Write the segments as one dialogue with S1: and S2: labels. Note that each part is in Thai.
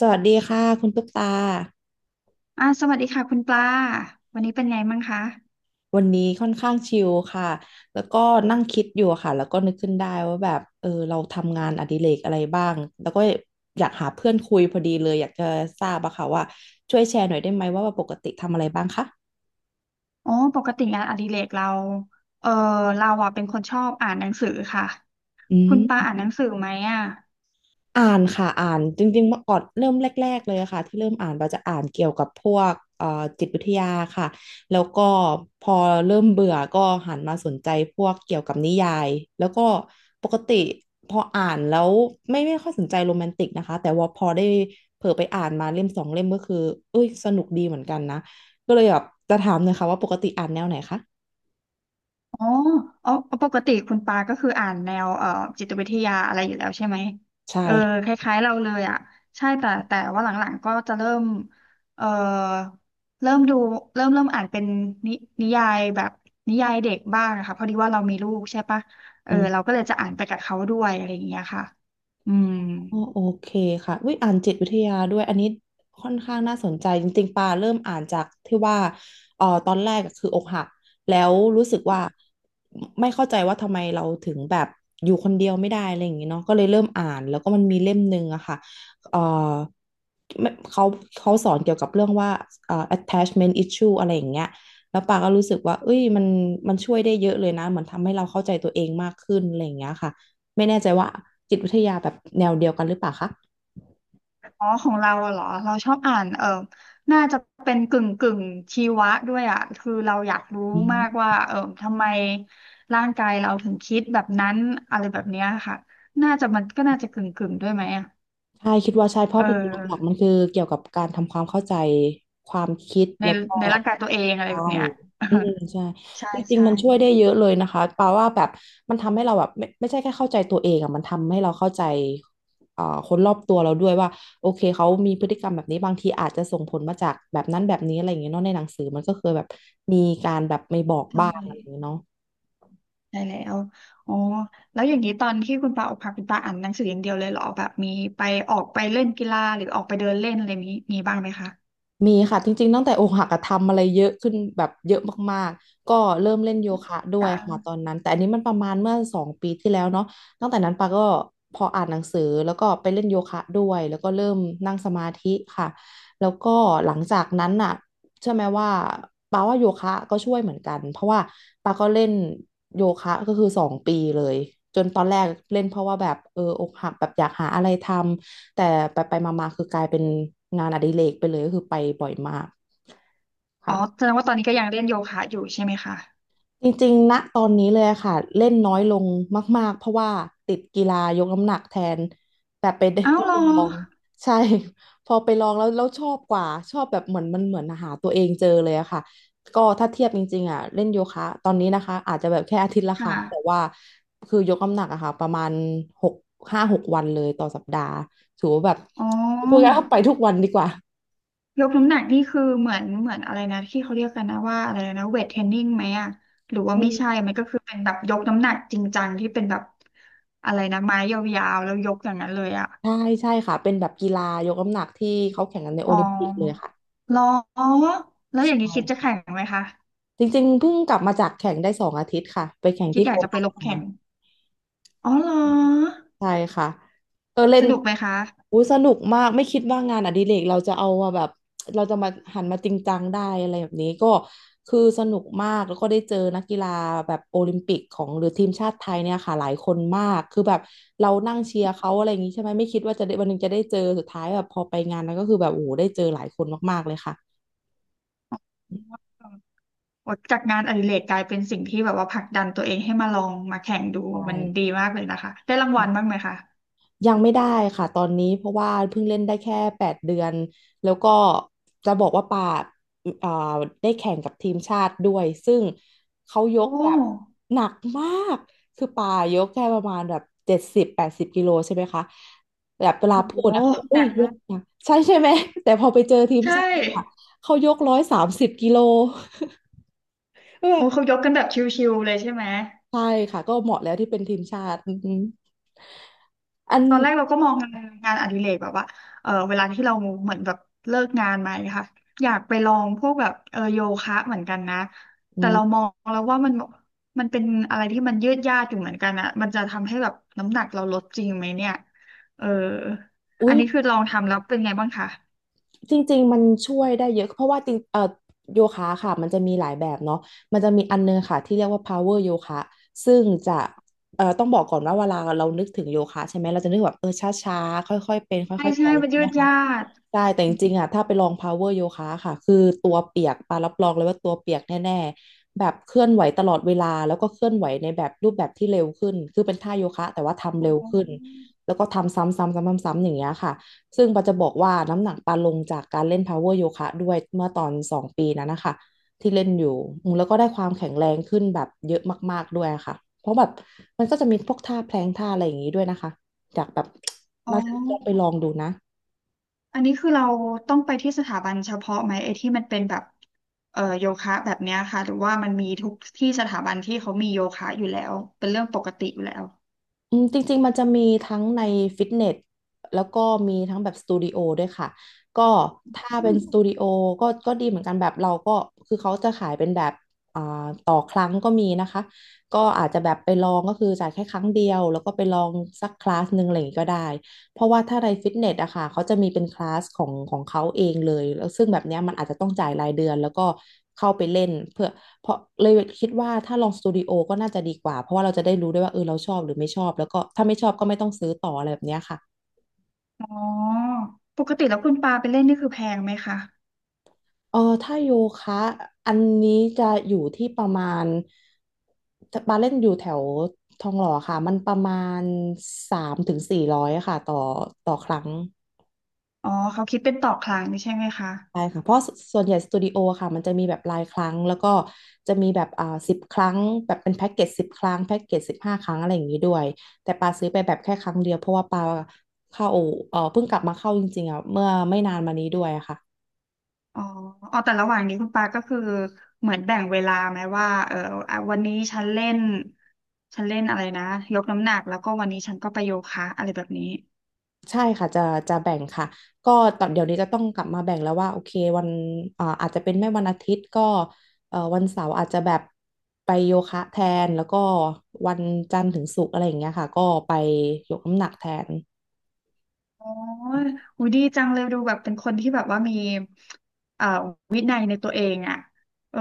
S1: สวัสดีค่ะคุณตุ๊กตา
S2: สวัสดีค่ะคุณปลาวันนี้เป็นไงบ้างคะ
S1: วันนี้ค่อนข้างชิลค่ะแล้วก็นั่งคิดอยู่ค่ะแล้วก็นึกขึ้นได้ว่าแบบเราทำงานอดิเรกอะไรบ้างแล้วก็อยากหาเพื่อนคุยพอดีเลยอยากจะทราบอะค่ะว่าช่วยแชร์หน่อยได้ไหมว่าปกติทำอะไรบ้างคะ
S2: อ๋อปกติงานอดิเรกเราเออเราอ่ะเป็นคนชอบอ่านหนังสือค่ะ
S1: อื
S2: คุณปลา
S1: ม
S2: อ่านหนังสือไหมอ่ะ
S1: อ่านค่ะอ่านจริงๆเมื่อก่อนเริ่มแรกๆเลยค่ะที่เริ่มอ่านเราจะอ่านเกี่ยวกับพวกจิตวิทยาค่ะแล้วก็พอเริ่มเบื่อก็หันมาสนใจพวกเกี่ยวกับนิยายแล้วก็ปกติพออ่านแล้วไม่ค่อยสนใจโรแมนติกนะคะแต่ว่าพอได้เผลอไปอ่านมาเล่มสองเล่มก็คือเอ้ยสนุกดีเหมือนกันนะก็เลยแบบจะถามเลยค่ะว่าปกติอ่านแนวไหนคะ
S2: อ๋ออ๋อ ปกติคุณปาก็คืออ่านแนวจิตวิทยาอะไรอยู่แล้วใช่ไหม
S1: ใ
S2: เออ
S1: ช่
S2: คล้ายๆเราเลยอ่ะใช่แต่ว่าหลังๆก็จะเริ่มเอ่อเริ่มดูเริ่มอ่านเป็นนินิยายแบบนิยายเด็กบ้างนะคะพอดีว่าเรามีลูกใช่ปะเออเรา
S1: ค่ะ
S2: ก็เลยจะอ่านไปกับเขาด้วยอะไรอย่างเงี้ยค่ะอืม
S1: อ๋อโอเคค่ะวิอยอ่านจิตวิทยาด้วยอันนี้ค่อนข้างน่าสนใจจริงๆปาเริ่มอ่านจากที่ว่าตอนแรกอะคืออกหักแล้วรู้สึกว่าไม่เข้าใจว่าทำไมเราถึงแบบอยู่คนเดียวไม่ได้อะไรอย่างงี้เนาะก็เลยเริ่มอ่านแล้วก็มันมีเล่มหนึ่งอะค่ะเอ่อไม่เขาเขาสอนเกี่ยวกับเรื่องว่าattachment issue อะไรอย่างเงี้ยแล้วปาก็รู้สึกว่าเอ้ยมันช่วยได้เยอะเลยนะเหมือนทำให้เราเข้าใจตัวเองมากขึ้นอะไรอย่างเงี้ยค่ะ ไม่แน่ใจว่าจิตวิทยาแบบแนวเดียวกันหรือเปล่าคะ
S2: อ๋อของเราอะเหรอเราชอบอ่านน่าจะเป็นกึ่งกึ่งชีวะด้วยอะคือเราอยากรู้
S1: อื
S2: มากว่า
S1: ม
S2: เออทำไมร่างกายเราถึงคิดแบบนั้นอะไรแบบเนี้ยค่ะน่าจะมันก็น่าจะกึ่งกึ่งด้วยไหมอะ
S1: ใช่คิดว่าใช่เพ
S2: เอ
S1: ราะหลักๆมั
S2: อ
S1: นคือเกี่ยวกับการทำความเข้าใจความคิด
S2: ใน
S1: แล้วก็
S2: ในร่างกายตัวเองอะไร
S1: ใช่
S2: แบบเนี้ย
S1: อืมใช่
S2: ใช่
S1: จริง
S2: ใช่
S1: ๆมันช่วยได้เยอะเลยนะคะแปาว่าแบบมันทำให้เราแบบไม่ใช่แค่เข้าใจตัวเองอะมันทำให้เราเข้าใจเอ่อคนรอบตัวเราด้วยว่าโอเคเขามีพฤติกรรมแบบนี้บางทีอาจจะส่งผลมาจากแบบนั้นแบบนี้อะไรอย่างเงี้ยเนาะในหนังสือมันก็เคยแบบมีการแบบไม่บอก
S2: ใช่
S1: บ้างอะไรอย่างเงี้ยเนาะ
S2: ได้แล้วอ๋อแล้วอย่างนี้ตอนที่คุณปาออกพาคุณปาอ่านหนังสืออย่างเดียวเลยเหรอแบบมีไปออกไปเล่นกีฬาหรือออกไปเดินเล่นอะไรมีบ้างไหมคะ
S1: มีค่ะจริงๆตั้งแต่อกหักอะทำอะไรเยอะขึ้นแบบเยอะมากๆก็เริ่มเล่นโยคะด้วย
S2: ต่าง
S1: ค่ะตอนนั้นแต่อันนี้มันประมาณเมื่อสองปีที่แล้วเนาะตั้งแต่นั้นปาก็พออ่านหนังสือแล้วก็ไปเล่นโยคะด้วยแล้วก็เริ่มนั่งสมาธิค่ะแล้วก็หลังจากนั้นน่ะเชื่อไหมว่าปาว่าโยคะก็ช่วยเหมือนกันเพราะว่าปาก็เล่นโยคะก็คือสองปีเลยจนตอนแรกเล่นเพราะว่าแบบเอออกหักแบบอยากหาอะไรทำ แต่ไปไปมามาๆคือกลายเป็นงานอดิเรกไปเลยก็คือไปบ่อยมาก
S2: อ๋อ
S1: ค่ะ
S2: แสดงว่าตอนนี้ก็ยังเล่นโยคะอยู่ใช่ไหมคะ
S1: จริงๆณตอนนี้เลยอะค่ะเล่นน้อยลงมากๆเพราะว่าติดกีฬายกน้ำหนักแทนแต่ไปได้
S2: อ้า
S1: ไป
S2: วเหรอ
S1: ลองใช่ พอไปลองแล้วชอบกว่าชอบแบบเหมือนมันเหมือนหาตัวเองเจอเลยอะค่ะก็ถ้าเทียบจริงๆอะเล่นโยคะตอนนี้นะคะอาจจะแบบแค่อาทิตย์ละ
S2: ค
S1: ครั้งแต่
S2: ่ะ
S1: ว่าคือยกน้ำหนักอะค่ะประมาณหกห้าหกวันเลยต่อสัปดาห์ถือว่าแบบ
S2: อ๋
S1: คุยกัน
S2: อ
S1: เข้าไปทุกวันดีกว่า
S2: ยกน้ำหนักนี่คือเหมือนอะไรนะที่เขาเรียกกันนะว่าอะไรนะเวทเทรนนิ่งไหมอะหรือว่า
S1: อื
S2: ไม่ใช่
S1: ม
S2: มันก็คือเป็นแบบยกน้ำหนักจริงจังที่เป็นแบบอะไรนะไม้ยาวๆแล้วยกอย่างนั้นเลยอะ
S1: ใช่ใช่ค่ะเป็นแบบกีฬายกน้ำหนักที่เขาแข่งกันในโอ
S2: อ๋
S1: ลิมปิกเลย
S2: อ
S1: ค่ะ
S2: เหรอแล้วอ
S1: ใช
S2: ย่างนี้คิดจะ
S1: ่
S2: แข่งไหมคะ
S1: จริงๆเพิ่งกลับมาจากแข่งได้2 อาทิตย์ค่ะไปแข่ง
S2: คิด
S1: ที่
S2: อ
S1: โค
S2: ยากจะไป
S1: นาช
S2: ลง
S1: มา
S2: แข่งอ๋อเหรอ
S1: ใช่ค่ะเออเล่
S2: ส
S1: น
S2: นุกไหมคะ
S1: อุ้ยสนุกมากไม่คิดว่างานอดิเรกเราจะเอามาแบบเราจะมาหันมาจริงจังได้อะไรแบบนี้ก็คือสนุกมากแล้วก็ได้เจอนักกีฬาแบบโอลิมปิกของหรือทีมชาติไทยเนี่ยค่ะหลายคนมากคือแบบเรานั่งเชียร์เขาอะไรอย่างนี้ใช่ไหมไม่คิดว่าจะได้วันหนึงจะได้เจอสุดท้ายแบบพอไปงานนั้นก็คือแบบโอ้โหได้เจอหลายคนมากๆเลยค่ะ
S2: โอาจากงานอดิเรกกลายเป็นสิ่งที่แบบว่าผลักดันตัวเองให้มาลองมาแข่งดู
S1: ใช
S2: มันดี
S1: ่
S2: มากเลยนะคะได้รางวัลบ้างไหมคะ
S1: ยังไม่ได้ค่ะตอนนี้เพราะว่าเพิ่งเล่นได้แค่8 เดือนแล้วก็จะบอกว่าปาเอ่อได้แข่งกับทีมชาติด้วยซึ่งเขายก
S2: โอ้
S1: แบบหนักมากคือปายกแค่ประมาณแบบ70-80 กิโลใช่ไหมคะแบบเว
S2: โ
S1: ลาพูด
S2: ห
S1: นะเขาบอก
S2: ห
S1: อุ้ย
S2: นัก
S1: ย
S2: มา
S1: กหน
S2: ก
S1: กใช่ใช่ไหมแต่พอไปเจอทีม
S2: ใช่
S1: ชาติค่ะเขายก130 กิโล เออ
S2: โอ้เขายกกันแบบชิวๆเลยใช่ไหม
S1: ใช่ค่ะก็เหมาะแล้วที่เป็นทีมชาติอืมอัน
S2: ตอนแรกเราก็มองงานอดิเรกแบบว่าเออเวลาที่เราเหมือนแบบเลิกงานมาเนะคะอยากไปลองพวกแบบโยคะเหมือนกันนะ
S1: อื
S2: แต่เราม
S1: ม
S2: องแล้วว่ามันมันเป็นอะไรที่มันยืดยาดอยู่เหมือนกันอะมันจะทำให้แบบน้ำหนักเราลดจริงไหมเนี่ยเออ
S1: อุ๊
S2: อัน
S1: ย
S2: นี้คือลองทำแล้วเป็นไงบ้างคะ
S1: จริงๆ มันช่วยได้เยอะเพราะว่าจริงโยคะค่ะมันจะมีหลายแบบเนาะมันจะมีอันนึงค่ะที่เรียกว่า power โยคะซึ่งจะต้องบอกก่อนว่าเวลาเรานึกถึงโยคะใช่ไหมเราจะนึกแบบช้าๆค่อยๆเป็น
S2: ใช่
S1: ค่อยๆไป
S2: ใช่มันยืดยาด
S1: ใช่แต่จริงๆอ่ะถ้าไปลอง power โยคะค่ะคือตัวเปียกปารับรองเลยว่าตัวเปียกแน่ๆแบบเคลื่อนไหวตลอดเวลาแล้วก็เคลื่อนไหวในแบบรูปแบบที่เร็วขึ้นคือเป็นท่าโยคะแต่ว่าทำ
S2: อ๋
S1: เร็วขึ้น
S2: อ
S1: แล้วก็ทำซ้ำๆซ้ำๆๆๆอย่างเงี้ยค่ะซึ่งปาจะบอกว่าน้ำหนักปาลงจากการเล่น power โยคะด้วยเมื่อตอน2 ปีนั้นนะคะที่เล่นอยู่อืมแล้วก็ได้ความแข็งแรงขึ้นแบบเยอะมากๆด้วยค่ะเพราะแบบมันก็จะมีพวกท่าแพลงท่าอะไรอย่างงี้ด้วยนะคะจากแบบ
S2: อ๋อ
S1: น่าจะต้องไปลองดูนะ
S2: อันนี้คือเราต้องไปที่สถาบันเฉพาะไหมไอ้ที่มันเป็นแบบโยคะแบบเนี้ยค่ะหรือว่ามันมีทุกที่สถาบันที่เขามีโยคะอยู่แล้วเป็นเรื่องปกติอยู่แล้ว
S1: อืมจริงๆมันจะมีทั้งในฟิตเนสแล้วก็มีทั้งแบบสตูดิโอด้วยค่ะก็ถ้าเป็
S2: อื
S1: น
S2: ม
S1: สตูดิโอก็ดีเหมือนกันแบบเราก็คือเขาจะขายเป็นแบบอ่าต่อครั้งก็มีนะคะก็อาจจะแบบไปลองก็คือจ่ายแค่ครั้งเดียวแล้วก็ไปลองสักคลาสหนึ่งอะไรอย่างงี้ก็ได้เพราะว่าถ้าในฟิตเนสอะค่ะเขาจะมีเป็นคลาสของเขาเองเลยแล้วซึ่งแบบเนี้ยมันอาจจะต้องจ่ายรายเดือนแล้วก็เข้าไปเล่นเพื่อ เพราะเลยคิดว่าถ้าลองสตูดิโอก็น่าจะดีกว่าเพราะว่าเราจะได้รู้ด้วยว่าเออเราชอบหรือไม่ชอบแล้วก็ถ้าไม่ชอบก็ไม่ต้องซื้อต่ออะไรแบบเนี้ยค่ะ
S2: อ๋อปกติแล้วคุณปาไปเล่นนี่คือแพงไหมคะ
S1: เออถ้าโยคะอันนี้จะอยู่ที่ประมาณบาร์เล่นอยู่แถวทองหล่อค่ะมันประมาณ300 ถึง 400ค่ะต่อครั้ง
S2: อ๋อเขาคิดเป็นต่อครั้งนี่ใช่ไหมคะ
S1: ใช่ค่ะเพราะสส่วนใหญ่สตูดิโอค่ะมันจะมีแบบรายครั้งแล้วก็จะมีแบบสิบครั้งแบบเป็นแพ็กเกจสิบครั้งแพ็กเกจ15 ครั้งอะไรอย่างนี้ด้วยแต่ปาซื้อไปแบบแค่ครั้งเดียวเพราะว่าปาเข้าเพิ่งกลับมาเข้าจริงๆอ่ะเมื่อไม่นานมานี้ด้วยอะค่ะ
S2: อ๋ออ๋อแต่ระหว่างนี้คุณปาก็คือเหมือนแบ่งเวลาไหมว่าเอออ่ะวันนี้ฉันเล่นอะไรนะยกน้ำหนักแล้วก็วันนี้ฉันก็ไปโยคะอะไรแบบนี้
S1: ใช่ค่ะจะแบ่งค่ะก็ตอนเดี๋ยวนี้จะต้องกลับมาแบ่งแล้วว่าโอเควันอาจจะเป็นไม่วันอาทิตย์ก็วันเสาร์อาจจะแบบไปโยคะแทนแล้วก็วันจันทร์ถึงศุกร์อะไรอย่างเงี้ยค่ะก็ไปยกน้ำหนักแทน
S2: อ๋ออุ๊ยดีจังเลยดูแบบเป็นคนที่แบบว่ามีเอ่อวินัยในตัวเองอ่ะเออ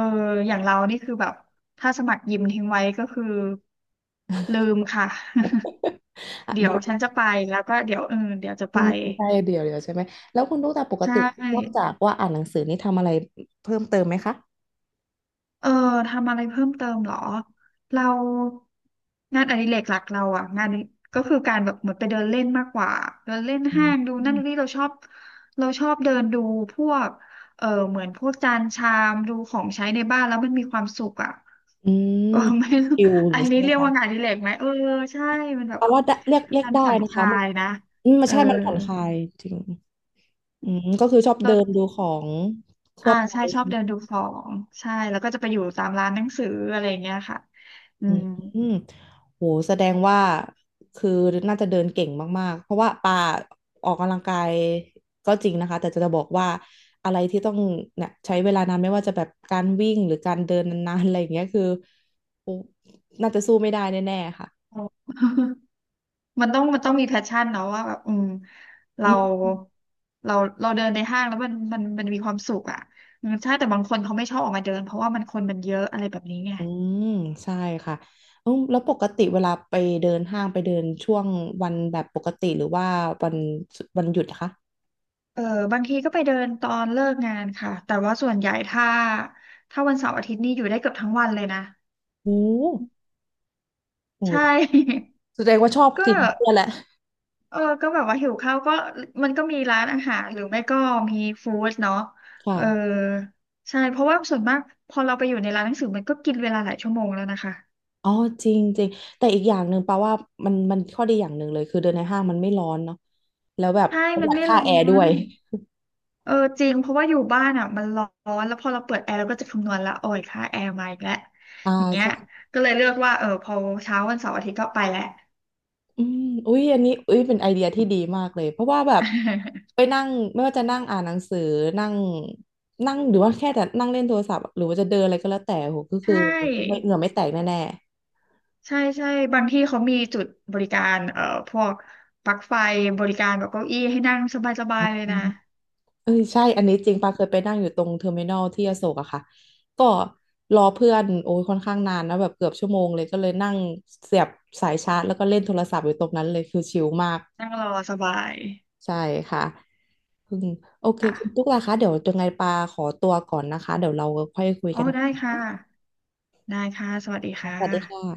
S2: อย่างเรานี่คือแบบถ้าสมัครยิมทิ้งไว้ก็คือลืมค่ะ
S1: อ่ะ
S2: เดี๋ย
S1: เดี๋
S2: ว
S1: ยว
S2: ฉันจะไปแล้วก็เดี๋ยวเดี๋ยวจะ
S1: อื
S2: ไป
S1: มใช่เดี๋ยวใช่ไหมแล้วคุณตุ๊กตาปก
S2: ใช่
S1: ตินอกจากว่าอ่านหนังสือนี่ทำอะไรเพิ่มเติมไหมคะ
S2: เออทำอะไรเพิ่มเติมเหรอเรางานอดิเรกหลักเราอ่ะงานก็คือการแบบเหมือนไปเดินเล่นมากกว่าเดินเล่น
S1: อื
S2: ห้าง
S1: ม
S2: ดูนั่นดูนี่เราชอบเราชอบเดินดูพวกเหมือนพวกจานชามดูของใช้ในบ้านแล้วมันมีความสุขอ่ะ
S1: อื ม
S2: เออไม่รู้
S1: ชิลอย่าง
S2: อัน
S1: นี้ใช่
S2: นี้
S1: ไหม
S2: เรียก
S1: คะ
S2: ว่างานอดิเรกไหมเออใช่มันแบบ
S1: แต่ว่าได้เรียก
S2: คือ
S1: เรียก
S2: การ
S1: ได้
S2: ผ่อน
S1: นะ
S2: ค
S1: คะ
S2: ลา
S1: มัน
S2: ยนะ
S1: อืมมัน
S2: เออ
S1: ใช่มันผ่อนคลายจริงอืมก็คือชอบเดินดู
S2: เรา
S1: ของทั่
S2: อ่า
S1: วไป
S2: ใช่ชอบเดินดูของใช่แล้วก็จะไปอยู่ตามร้านหนังสืออะไรอย่างเงี้ยค่ะอื
S1: อืม
S2: ม
S1: อืมโหแสดงว่าคือน่าจะเดินเก่งมากๆเพราะว่าป่าออกกำลังกายก็จริงนะคะแต่จะบอกว่าอะไรที่ต้องเนี่ยใช้เวลานานไม่ว่าจะแบบการวิ่งหรือการเดินนานๆอะไรอย่างเงี้ยคือโอ้น่าจะสู้ไม่ได้แน่ๆค่ะ
S2: มันต้องมีแพชชั่นเนาะว่าแบบอืม
S1: อื
S2: เรา
S1: ม
S2: เราเราเดินในห้างแล้วมันมีความสุขอ่ะอืมใช่แต่บางคนเขาไม่ชอบออกมาเดินเพราะว่ามันคนมันเยอะอะไรแบบนี้ไง
S1: อืมใช่ค่ะเอาแล้วปกติเวลาไปเดินห้างไปเดินช่วงวันแบบปกติหรือว่าวันวันหยุดอะคะ
S2: เออบางทีก็ไปเดินตอนเลิกงานค่ะแต่ว่าส่วนใหญ่ถ้าวันเสาร์อาทิตย์นี่อยู่ได้เกือบทั้งวันเลยนะ
S1: โอ้
S2: ใช
S1: โห
S2: ่
S1: แสดงว่าชอบ
S2: ก็
S1: จริงเพื่อแหละ
S2: เออก็แบบว่าหิวข้าวก็มันก็มีร้านอาหารหรือไม่ก็มีฟู้ดเนาะ
S1: ค่ะ
S2: เออใช่เพราะว่าส่วนมากพอเราไปอยู่ในร้านหนังสือมันก็กินเวลาหลายชั่วโมงแล้วนะคะ
S1: อ๋อจริงจริงแต่อีกอย่างหนึ่งแปลว่ามันข้อดีอย่างหนึ่งเลยคือเดินในห้างมันไม่ร้อนเนาะแล้วแบบ
S2: ใช่
S1: ประห
S2: มัน
S1: ยัด
S2: ไม่
S1: ค่า
S2: ร้อ
S1: แอร์ด้ว
S2: น
S1: ย
S2: เออจริงเพราะว่าอยู่บ้านอ่ะมันร้อนแล้วพอเราเปิดแอร์เราก็จะคำนวณละโอ้ยค่าแอร์มาอีกแล้ว
S1: อ่า
S2: อย่างเงี้ย
S1: ใช่
S2: ก็เลยเลือกว่าเออพอเช้าวันเสาร์อาทิตย์ก็ไปแหละ
S1: อืมอุ้ยอันนี้อุ้ยเป็นไอเดียที่ดีมากเลยเพราะว่าแบบไป นั่งไม่ว่าจะนั่งอ่านหนังสือนั่งนั่งหรือว่าแค่แต่นั่งเล่นโทรศัพท์หรือว่าจะเดินอะไรก็แล้วแต่โหก็
S2: ใช
S1: คือไม่
S2: ่
S1: เหงื่อไม่แตกแน่
S2: ใช่บางที่เขามีจุดบริการพวกปลั๊กไฟบริการแบบเก้าอี้ให้นั่งส
S1: ๆอ
S2: บายๆเลย
S1: ื
S2: นะ
S1: ม เออใช่อันนี้จริงปาเคยไปนั่งอยู่ตรงเทอร์มินอลที่อโศกอะค่ะก็รอเพื่อนโอ้ยค่อนข้างนานนะแบบเกือบ 1 ชั่วโมงเลยก็เลยนั่งเสียบสายชาร์จแล้วก็เล่นโทรศัพท์อยู่ตรงนั้นเลยคือชิลมาก
S2: นั่งรอสบาย
S1: ใช่ค่ะอืมโอเคคุณ
S2: ค่ะ
S1: ตุ๊กล่ะคะเดี๋ยวยังไงปาขอตัวก่อนนะคะเดี๋ยวเราค่อยคุย
S2: อ๋อ
S1: กัน
S2: ได้ค่ะได้ค่ะสวัสดีค่
S1: สวัสดีค่ะ
S2: ะ